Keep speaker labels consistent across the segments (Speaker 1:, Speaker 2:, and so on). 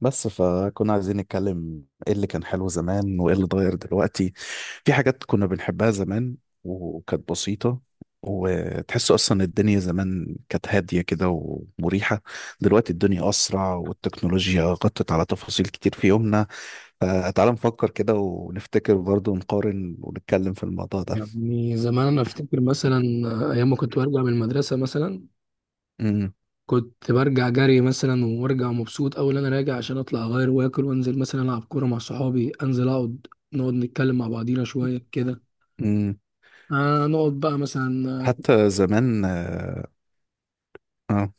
Speaker 1: بس فكنا عايزين نتكلم ايه اللي كان حلو زمان وايه اللي اتغير دلوقتي. في حاجات كنا بنحبها زمان وكانت بسيطة، وتحس اصلا الدنيا زمان كانت هادية كده ومريحة. دلوقتي الدنيا اسرع والتكنولوجيا غطت على تفاصيل كتير في يومنا، فتعال نفكر كده ونفتكر برضه ونقارن ونتكلم في الموضوع ده.
Speaker 2: يعني زمان انا افتكر مثلا ايام ما كنت برجع من المدرسه مثلا.
Speaker 1: امم.
Speaker 2: كنت برجع جري مثلا وارجع مبسوط اول انا راجع عشان اطلع اغير واكل وانزل مثلا العب كوره مع صحابي، انزل اقعد نقعد نتكلم مع بعضينا شويه كده.
Speaker 1: امم.
Speaker 2: آه نقعد بقى مثلا
Speaker 1: حتى زمان اه. آه.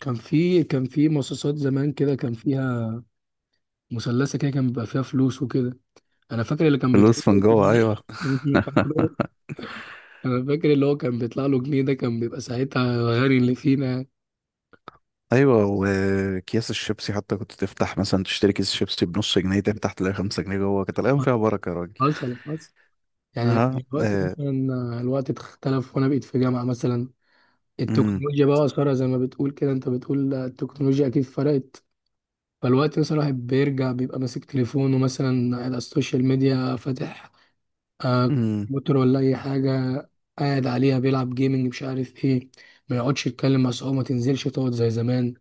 Speaker 2: كان في كان في مصاصات زمان كده، كان فيها مثلثه كده، كان بيبقى فيها فلوس وكده. انا فاكر اللي كان بيطلع
Speaker 1: فلوس من جوه،
Speaker 2: له
Speaker 1: ايوه.
Speaker 2: انا فاكره. انا فاكر اللي هو كان بيطلع له جنيه، ده كان بيبقى ساعتها الغني اللي فينا يعني.
Speaker 1: ايوه، وكياس الشيبسي حتى كنت تفتح مثلا تشتري كيس شيبسي بنص جنيه، تفتح تلاقي 5 جنيه جوه. كانت الايام فيها بركه يا راجل.
Speaker 2: حصل حصل يعني.
Speaker 1: اه.
Speaker 2: لكن دلوقتي
Speaker 1: آه.
Speaker 2: مثلا الوقت اختلف وانا بقيت في جامعة مثلا،
Speaker 1: امم.
Speaker 2: التكنولوجيا بقى أثرها زي ما بتقول كده، انت بتقول التكنولوجيا اكيد فرقت. فالوقت مثلا الواحد بيرجع بيبقى ماسك تليفونه مثلا على السوشيال ميديا فاتح، آه،
Speaker 1: امم.
Speaker 2: كمبيوتر ولا اي حاجة، قاعد عليها بيلعب جيمنج مش عارف ايه، ما يقعدش يتكلم مع صحابه، ما تنزلش تقعد زي زمان.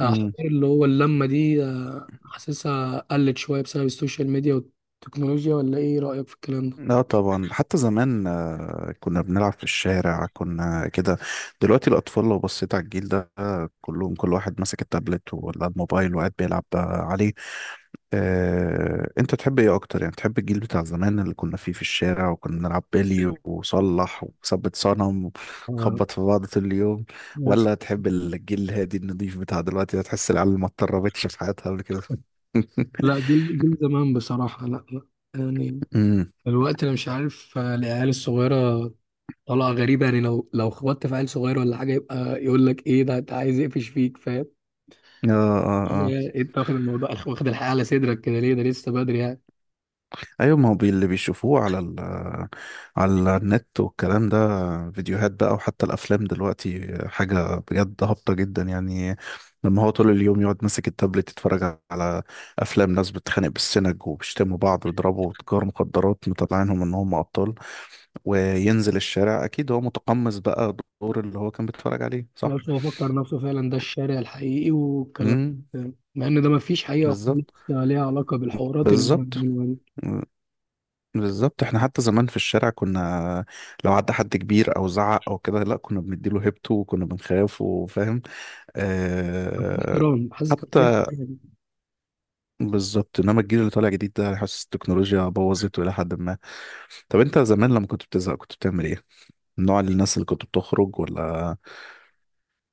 Speaker 2: حوار
Speaker 1: امم.
Speaker 2: اللي هو اللمة دي حاسسها قلت شوية بسبب السوشيال ميديا والتكنولوجيا. ولا ايه رأيك في الكلام ده؟
Speaker 1: لا طبعا، حتى زمان كنا بنلعب في الشارع، كنا كده. دلوقتي الاطفال لو بصيت على الجيل ده كلهم، كل واحد ماسك التابلت ولا الموبايل وقاعد بيلعب عليه. انت تحب ايه اكتر؟ يعني تحب الجيل بتاع زمان اللي كنا فيه في الشارع وكنا نلعب بلي
Speaker 2: ال-
Speaker 1: وصلح وثبت صنم
Speaker 2: آه،
Speaker 1: ونخبط في بعض طول اليوم، ولا تحب الجيل الهادي النضيف بتاع دلوقتي ده؟ تحس العيال ما اتطربتش في حياتها قبل كده.
Speaker 2: لا جيل جيل زمان بصراحة، لا لا يعني.
Speaker 1: امم.
Speaker 2: الوقت أنا مش عارف، العيال الصغيرة طالعة غريبة يعني. لو لو خبطت في عيل صغير ولا حاجة، يبقى يقول لك إيه ده، أنت عايز يقفش فيك فاهم.
Speaker 1: اه. اه.
Speaker 2: هي أنت واخد الموضوع واخد الحياة على صدرك كده ليه؟ ده لسه بدري يعني.
Speaker 1: ايوه، ما هو اللي بيشوفوه على على النت والكلام ده، فيديوهات بقى وحتى الافلام دلوقتي، حاجه بجد هابطه جدا يعني. لما هو طول اليوم يقعد ماسك التابلت يتفرج على افلام ناس بتتخانق بالسنج وبيشتموا بعض ويضربوا تجار مخدرات، مطلعينهم ان هم ابطال، وينزل الشارع اكيد هو متقمص بقى دور اللي هو كان بيتفرج عليه، صح.
Speaker 2: خلاص هو فكر نفسه فعلا ده الشارع الحقيقي والكلام
Speaker 1: امم.
Speaker 2: ده. مع إن ده مفيش حقيقة خالص
Speaker 1: بالظبط.
Speaker 2: ليها علاقة بالحوارات اللي إحنا
Speaker 1: بالظبط.
Speaker 2: بنعملها دي.
Speaker 1: بالظبط، احنا حتى زمان في الشارع كنا لو عدى حد كبير او زعق او كده، لا كنا بنديله هيبته وكنا بنخاف، وفاهم.
Speaker 2: مفيش
Speaker 1: اه.
Speaker 2: احترام، حاسس كده.
Speaker 1: حتى بالظبط، انما الجيل اللي طالع جديد ده حاسس التكنولوجيا بوظته الى حد ما. طب انت زمان لما كنت بتزهق كنت بتعمل ايه؟ من نوع الناس اللي كنت بتخرج ولا؟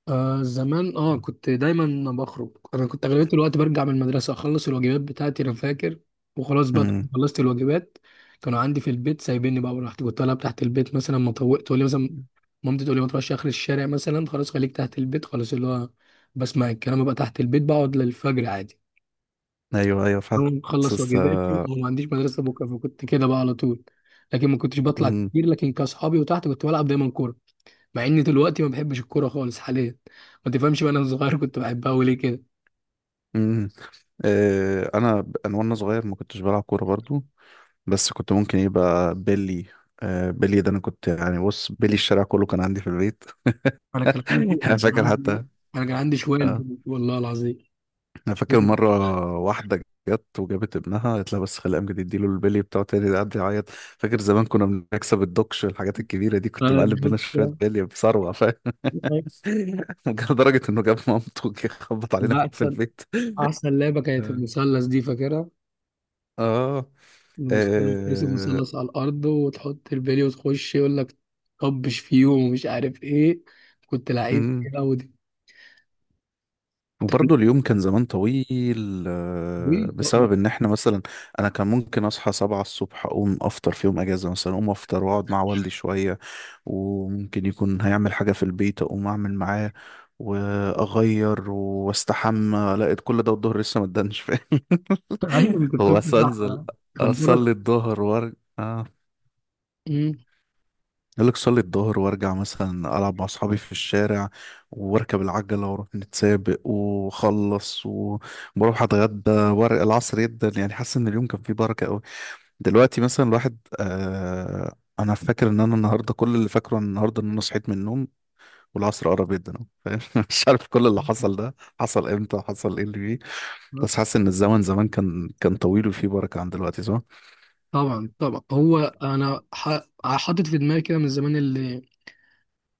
Speaker 2: آه زمان اه كنت دايما بخرج. انا كنت اغلبيه الوقت برجع من المدرسه اخلص الواجبات بتاعتي، انا فاكر، وخلاص بقى
Speaker 1: امم.
Speaker 2: خلصت الواجبات، كانوا عندي في البيت سايبيني بقى، ورحت كنت العب تحت البيت مثلا. ما طوقت تقول لي مثلا مامتي تقول لي ما تروحش اخر الشارع مثلا، خلاص خليك تحت البيت، خلاص اللي هو بسمع الكلام بقى، تحت البيت بقعد للفجر عادي.
Speaker 1: ايوه ايوه،
Speaker 2: أقوم اخلص
Speaker 1: حاسس.
Speaker 2: واجباتي وما عنديش مدرسه بكره، فكنت كده بقى على طول. لكن ما كنتش بطلع
Speaker 1: امم.
Speaker 2: كتير، لكن كاصحابي وتحت كنت بلعب دايما كوره. مع اني دلوقتي ما بحبش الكوره خالص حاليا، ما تفهمش بقى انا صغير كنت بحبها وليه كده.
Speaker 1: امم. اه، انا انا وانا صغير ما كنتش بلعب كوره برضو، بس كنت ممكن يبقى بيلي. بيلي ده، انا كنت يعني بص، بيلي الشارع كله كان عندي في البيت.
Speaker 2: انا كان عندي انا
Speaker 1: انا
Speaker 2: كان
Speaker 1: فاكر
Speaker 2: عندي
Speaker 1: حتى.
Speaker 2: انا كان عندي شويه
Speaker 1: اه،
Speaker 2: البنج والله العظيم.
Speaker 1: انا
Speaker 2: شوية
Speaker 1: فاكر مره واحده جت وجابت ابنها قالت لها، بس خلي امجد يديله البيلي بتاعه تاني، ده قعد يعيط. فاكر زمان كنا بنكسب الدوكش، الحاجات الكبيره دي، كنت
Speaker 2: آه،
Speaker 1: مقلب بينا شويه
Speaker 2: دوكشة.
Speaker 1: بيلي بثروه، فاهم. لدرجه انه جاب مامته وجه خبط علينا
Speaker 2: لا،
Speaker 1: في
Speaker 2: احسن
Speaker 1: البيت.
Speaker 2: احسن لعبه كانت
Speaker 1: اه.
Speaker 2: المثلث دي، فاكرها؟
Speaker 1: اه.
Speaker 2: المثلث ترسم
Speaker 1: آه.
Speaker 2: مثلث على الارض وتحط البلي وتخش يقول لك طبش فيهم ومش عارف ايه. كنت لعيب كده ودي. طب
Speaker 1: وبرضه اليوم كان زمان طويل،
Speaker 2: ليه؟ طب ما-
Speaker 1: بسبب ان احنا مثلا انا كان ممكن اصحى 7 الصبح، اقوم افطر في يوم اجازة مثلا، اقوم افطر واقعد مع والدي شوية، وممكن يكون هيعمل حاجة في البيت اقوم اعمل معاه، واغير واستحمى، لقيت كل ده والظهر لسه ما ادانش، فاهم.
Speaker 2: ايوه أنا كنت
Speaker 1: هو
Speaker 2: فاهم
Speaker 1: أصل
Speaker 2: صح.
Speaker 1: انزل
Speaker 2: كان بركه.
Speaker 1: اصلي الظهر وارجع.
Speaker 2: أمم.
Speaker 1: يقول لك صلي الظهر وارجع، مثلا العب مع اصحابي في الشارع، واركب العجله واروح نتسابق واخلص وبروح اتغدى وارق العصر جدا، يعني حاسس ان اليوم كان فيه بركه قوي. دلوقتي مثلا الواحد انا فاكر ان انا النهارده، كل اللي فاكره عن النهارده ان انا صحيت من النوم والعصر قرب جدا أهو، فاهم. مش عارف كل اللي حصل ده حصل امتى، حصل ايه اللي فيه. بس
Speaker 2: بس
Speaker 1: حاسس ان الزمن زمان كان طويل وفيه بركه عن دلوقتي، صح؟
Speaker 2: طبعا طبعا. هو انا حاطط في دماغي كده من زمان، اللي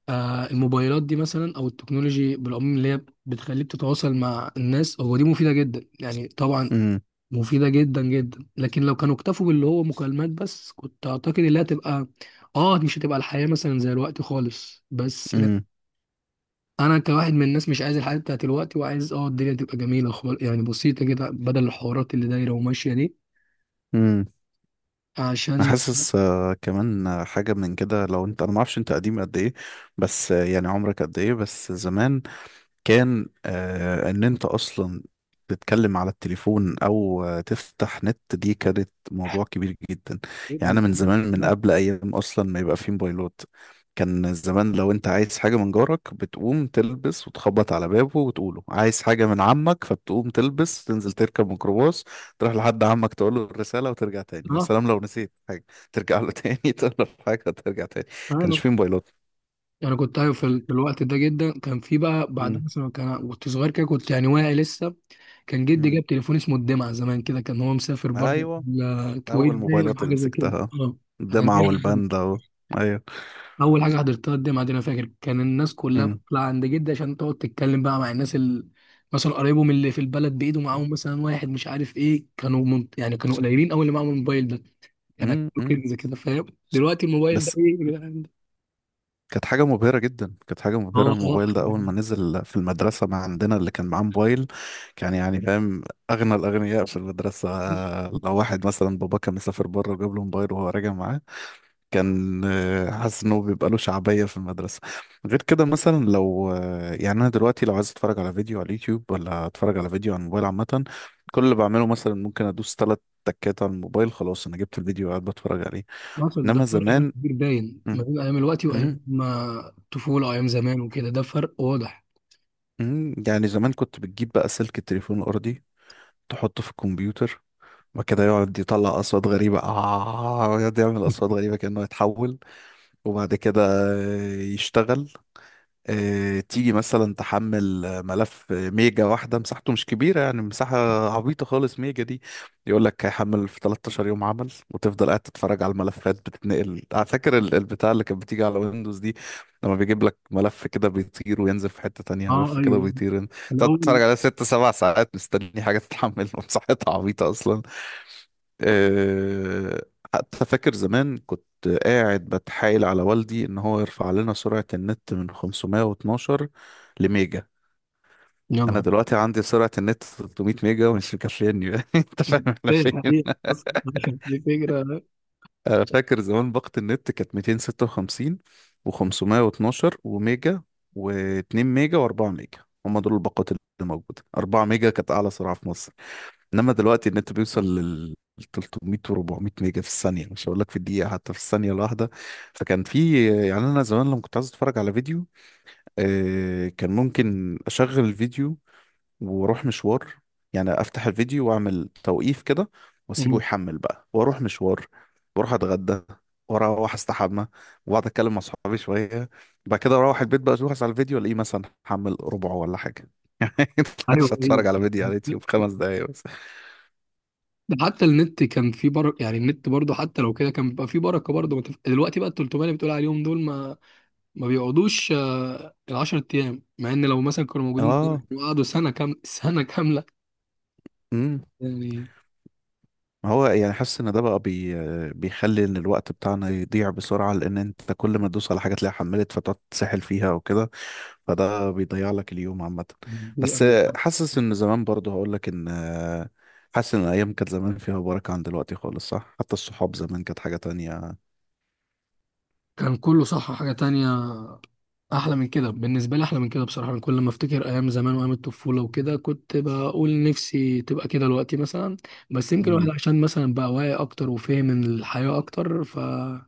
Speaker 2: آه الموبايلات دي مثلا او التكنولوجي بالعموم اللي هي بتخليك تتواصل مع الناس، هو دي مفيده جدا يعني طبعا،
Speaker 1: امم.
Speaker 2: مفيده جدا جدا. لكن لو كانوا اكتفوا باللي هو مكالمات بس، كنت اعتقد انها تبقى، اه مش هتبقى الحياه مثلا زي الوقت خالص. بس انا كواحد من الناس مش عايز الحياه بتاعت الوقت، وعايز اه الدنيا تبقى جميله خالص يعني، بسيطه كده، بدل الحوارات اللي دايره وماشيه دي.
Speaker 1: امم. انا
Speaker 2: عشان
Speaker 1: حاسس كمان حاجه من كده. لو انت، انا ما اعرفش انت قديم قد ايه، بس يعني عمرك قد ايه؟ بس زمان كان آه ان انت اصلا تتكلم على التليفون او تفتح نت، دي كانت موضوع كبير جدا. يعني انا من زمان، من قبل ايام اصلا ما يبقى فيه موبايلات. كان زمان لو انت عايز حاجة من جارك بتقوم تلبس وتخبط على بابه وتقوله عايز حاجة من عمك، فبتقوم تلبس تنزل تركب ميكروباص، تروح لحد عمك تقول له الرسالة وترجع تاني. يا سلام لو نسيت حاجة، ترجع له تاني تقول له حاجة، ترجع تاني. كانش
Speaker 2: اه
Speaker 1: فيه موبايلات.
Speaker 2: يعني كنت ايوه في, في الوقت ده جدا كان في بقى. بعد
Speaker 1: مم.
Speaker 2: مثلا كان كنت صغير كده كنت يعني واعي لسه، كان جدي
Speaker 1: مم.
Speaker 2: جاب تليفون اسمه الدمعه زمان كده، كان هو مسافر برضه
Speaker 1: ايوه.
Speaker 2: الكويت
Speaker 1: اول
Speaker 2: باين او
Speaker 1: موبايلات اللي
Speaker 2: حاجه زي كده.
Speaker 1: مسكتها
Speaker 2: اه كان
Speaker 1: الدمعة
Speaker 2: جايب الدمعه.
Speaker 1: والباندا و... ايوه.
Speaker 2: اول حاجه حضرتها الدمعه دي، انا فاكر كان الناس كلها
Speaker 1: امم.
Speaker 2: بتطلع عند جدي عشان تقعد تتكلم بقى مع الناس اللي مثلا قرايبهم اللي في البلد، بايده معاهم مثلا واحد مش عارف ايه. كانوا من... يعني كانوا قليلين قوي اللي معاهم الموبايل ده، يعني
Speaker 1: امم. أمم.
Speaker 2: كنز كده فاهم. دلوقتي الموبايل ده
Speaker 1: بس
Speaker 2: ايه يا جدعان ده؟
Speaker 1: كانت حاجة مبهرة جدا، كانت حاجة
Speaker 2: اه
Speaker 1: مبهرة.
Speaker 2: اه.
Speaker 1: الموبايل ده أول ما نزل في المدرسة، ما عندنا اللي كان معاه موبايل كان يعني فاهم أغنى الأغنياء في المدرسة. لو واحد مثلا بابا كان مسافر بره وجاب له موبايل وهو راجع معاه، كان حاسس انه بيبقى له شعبية في المدرسة. غير كده مثلا، لو يعني انا دلوقتي لو عايز اتفرج على فيديو على اليوتيوب، ولا اتفرج على فيديو على الموبايل عامة، كل اللي بعمله مثلا ممكن ادوس 3 تكات على الموبايل، خلاص انا جبت الفيديو وقاعد بتفرج عليه.
Speaker 2: حصل ده
Speaker 1: انما
Speaker 2: فرق بقى
Speaker 1: زمان،
Speaker 2: كبير باين ما
Speaker 1: مم،
Speaker 2: بين ايام الوقت وايام
Speaker 1: مم،
Speaker 2: ما الطفوله وايام زمان وكده، ده فرق واضح.
Speaker 1: يعني زمان كنت بتجيب بقى سلك التليفون الارضي، تحطه في الكمبيوتر وكده، يقعد يطلع اصوات غريبه، اه يقعد يعمل اصوات غريبه كانه يتحول، وبعد كده يشتغل. تيجي مثلا تحمل ملف ميجا واحدة مساحته مش كبيرة، يعني مساحة عبيطة خالص ميجا دي. يقول لك هيحمل في 13 يوم عمل، وتفضل قاعد تتفرج على الملفات بتتنقل، على فاكر البتاع اللي كانت بتيجي على ويندوز دي، لما بيجيب لك ملف كده بيطير وينزل في حتة تانية،
Speaker 2: اه
Speaker 1: ملف كده
Speaker 2: ايوه.
Speaker 1: بيطير. تقعد تتفرج
Speaker 2: الاول.
Speaker 1: عليها ست سبع ساعات مستني حاجة تتحمل. مساحتها عبيطة أصلا. آه، حتى فاكر زمان كنت قاعد بتحايل على والدي ان هو يرفع لنا سرعة النت من 512 لميجا.
Speaker 2: يا
Speaker 1: انا
Speaker 2: نهار!
Speaker 1: دلوقتي عندي سرعة النت 300 ميجا ومش مكفياني بقى. انت فاهم احنا
Speaker 2: ايه
Speaker 1: فين.
Speaker 2: حقيقة. بس دي فكره.
Speaker 1: انا فاكر زمان باقة النت كانت 256 و512 وميجا و2 ميجا و4 ميجا، هما دول الباقات اللي موجودة. 4 ميجا كانت اعلى سرعة في مصر. انما دلوقتي النت بيوصل لل 300 و400 ميجا في الثانيه، مش هقول لك في الدقيقه، حتى في الثانيه الواحده. فكان في يعني، انا زمان لما كنت عايز اتفرج على فيديو، كان ممكن اشغل الفيديو واروح مشوار. يعني افتح الفيديو واعمل توقيف كده، واسيبه
Speaker 2: مم.
Speaker 1: يحمل بقى واروح مشوار، واروح اتغدى واروح استحمى واقعد اتكلم مع صحابي شويه، بعد كده اروح البيت بقى اشوف على الفيديو الاقيه مثلا حمل ربعه ولا حاجه.
Speaker 2: ايوه
Speaker 1: مش
Speaker 2: ايوه.
Speaker 1: هتفرج على فيديو على اليوتيوب 5 دقايق بس.
Speaker 2: ده حتى النت كان فيه بركه يعني، النت برضه حتى لو كده كان بيبقى فيه بركه برضه. ما تف- دلوقتي بقى ال 300 اللي بتقول عليهم دول، ما بيقعدوش آه، ال 10 ايام، مع ان لو مثلا كانوا موجودين سنة،
Speaker 1: اه.
Speaker 2: وقعدوا سنه كام سنه كامله
Speaker 1: امم.
Speaker 2: يعني.
Speaker 1: ما هو يعني حاسس ان ده بقى بيخلي ان الوقت بتاعنا يضيع بسرعه، لان انت كل ما تدوس على حاجه تلاقيها حملت، فتقعد تسحل فيها وكده، فده بيضيع لك اليوم عامه.
Speaker 2: دي-
Speaker 1: بس حاسس ان زمان برضه، هقول لك ان حاسس ان الايام كانت زمان فيها بركه عن دلوقتي خالص، صح. حتى الصحاب زمان كانت حاجه تانية.
Speaker 2: كان كله صح حاجه تانية، احلى من كده بالنسبه لي، احلى من كده بصراحه. أنا كل ما افتكر ايام زمان وايام الطفوله وكده، كنت بقول نفسي تبقى كده دلوقتي مثلا. بس يمكن الواحد
Speaker 1: امم.
Speaker 2: عشان مثلا بقى واعي اكتر وفاهم الحياه اكتر، فهو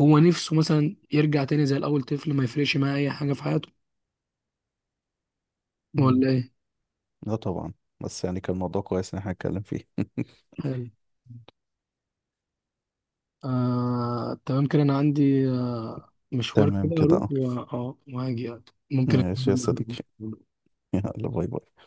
Speaker 2: نفسه مثلا يرجع تاني زي الاول طفل ما يفرقش معاه اي حاجه في حياته،
Speaker 1: امم.
Speaker 2: ولا ايه.
Speaker 1: لا طبعا. بس يعني كان الموضوع كويس ان احنا نتكلم فيه.
Speaker 2: حلو. آه، تمام كده. انا عندي آه، مشوار كده
Speaker 1: تمام كده
Speaker 2: اروح
Speaker 1: اه.
Speaker 2: اه وهاجي يعني. ممكن
Speaker 1: ماشي يا
Speaker 2: أكمل
Speaker 1: صديقي.
Speaker 2: معاك.
Speaker 1: يلا باي باي.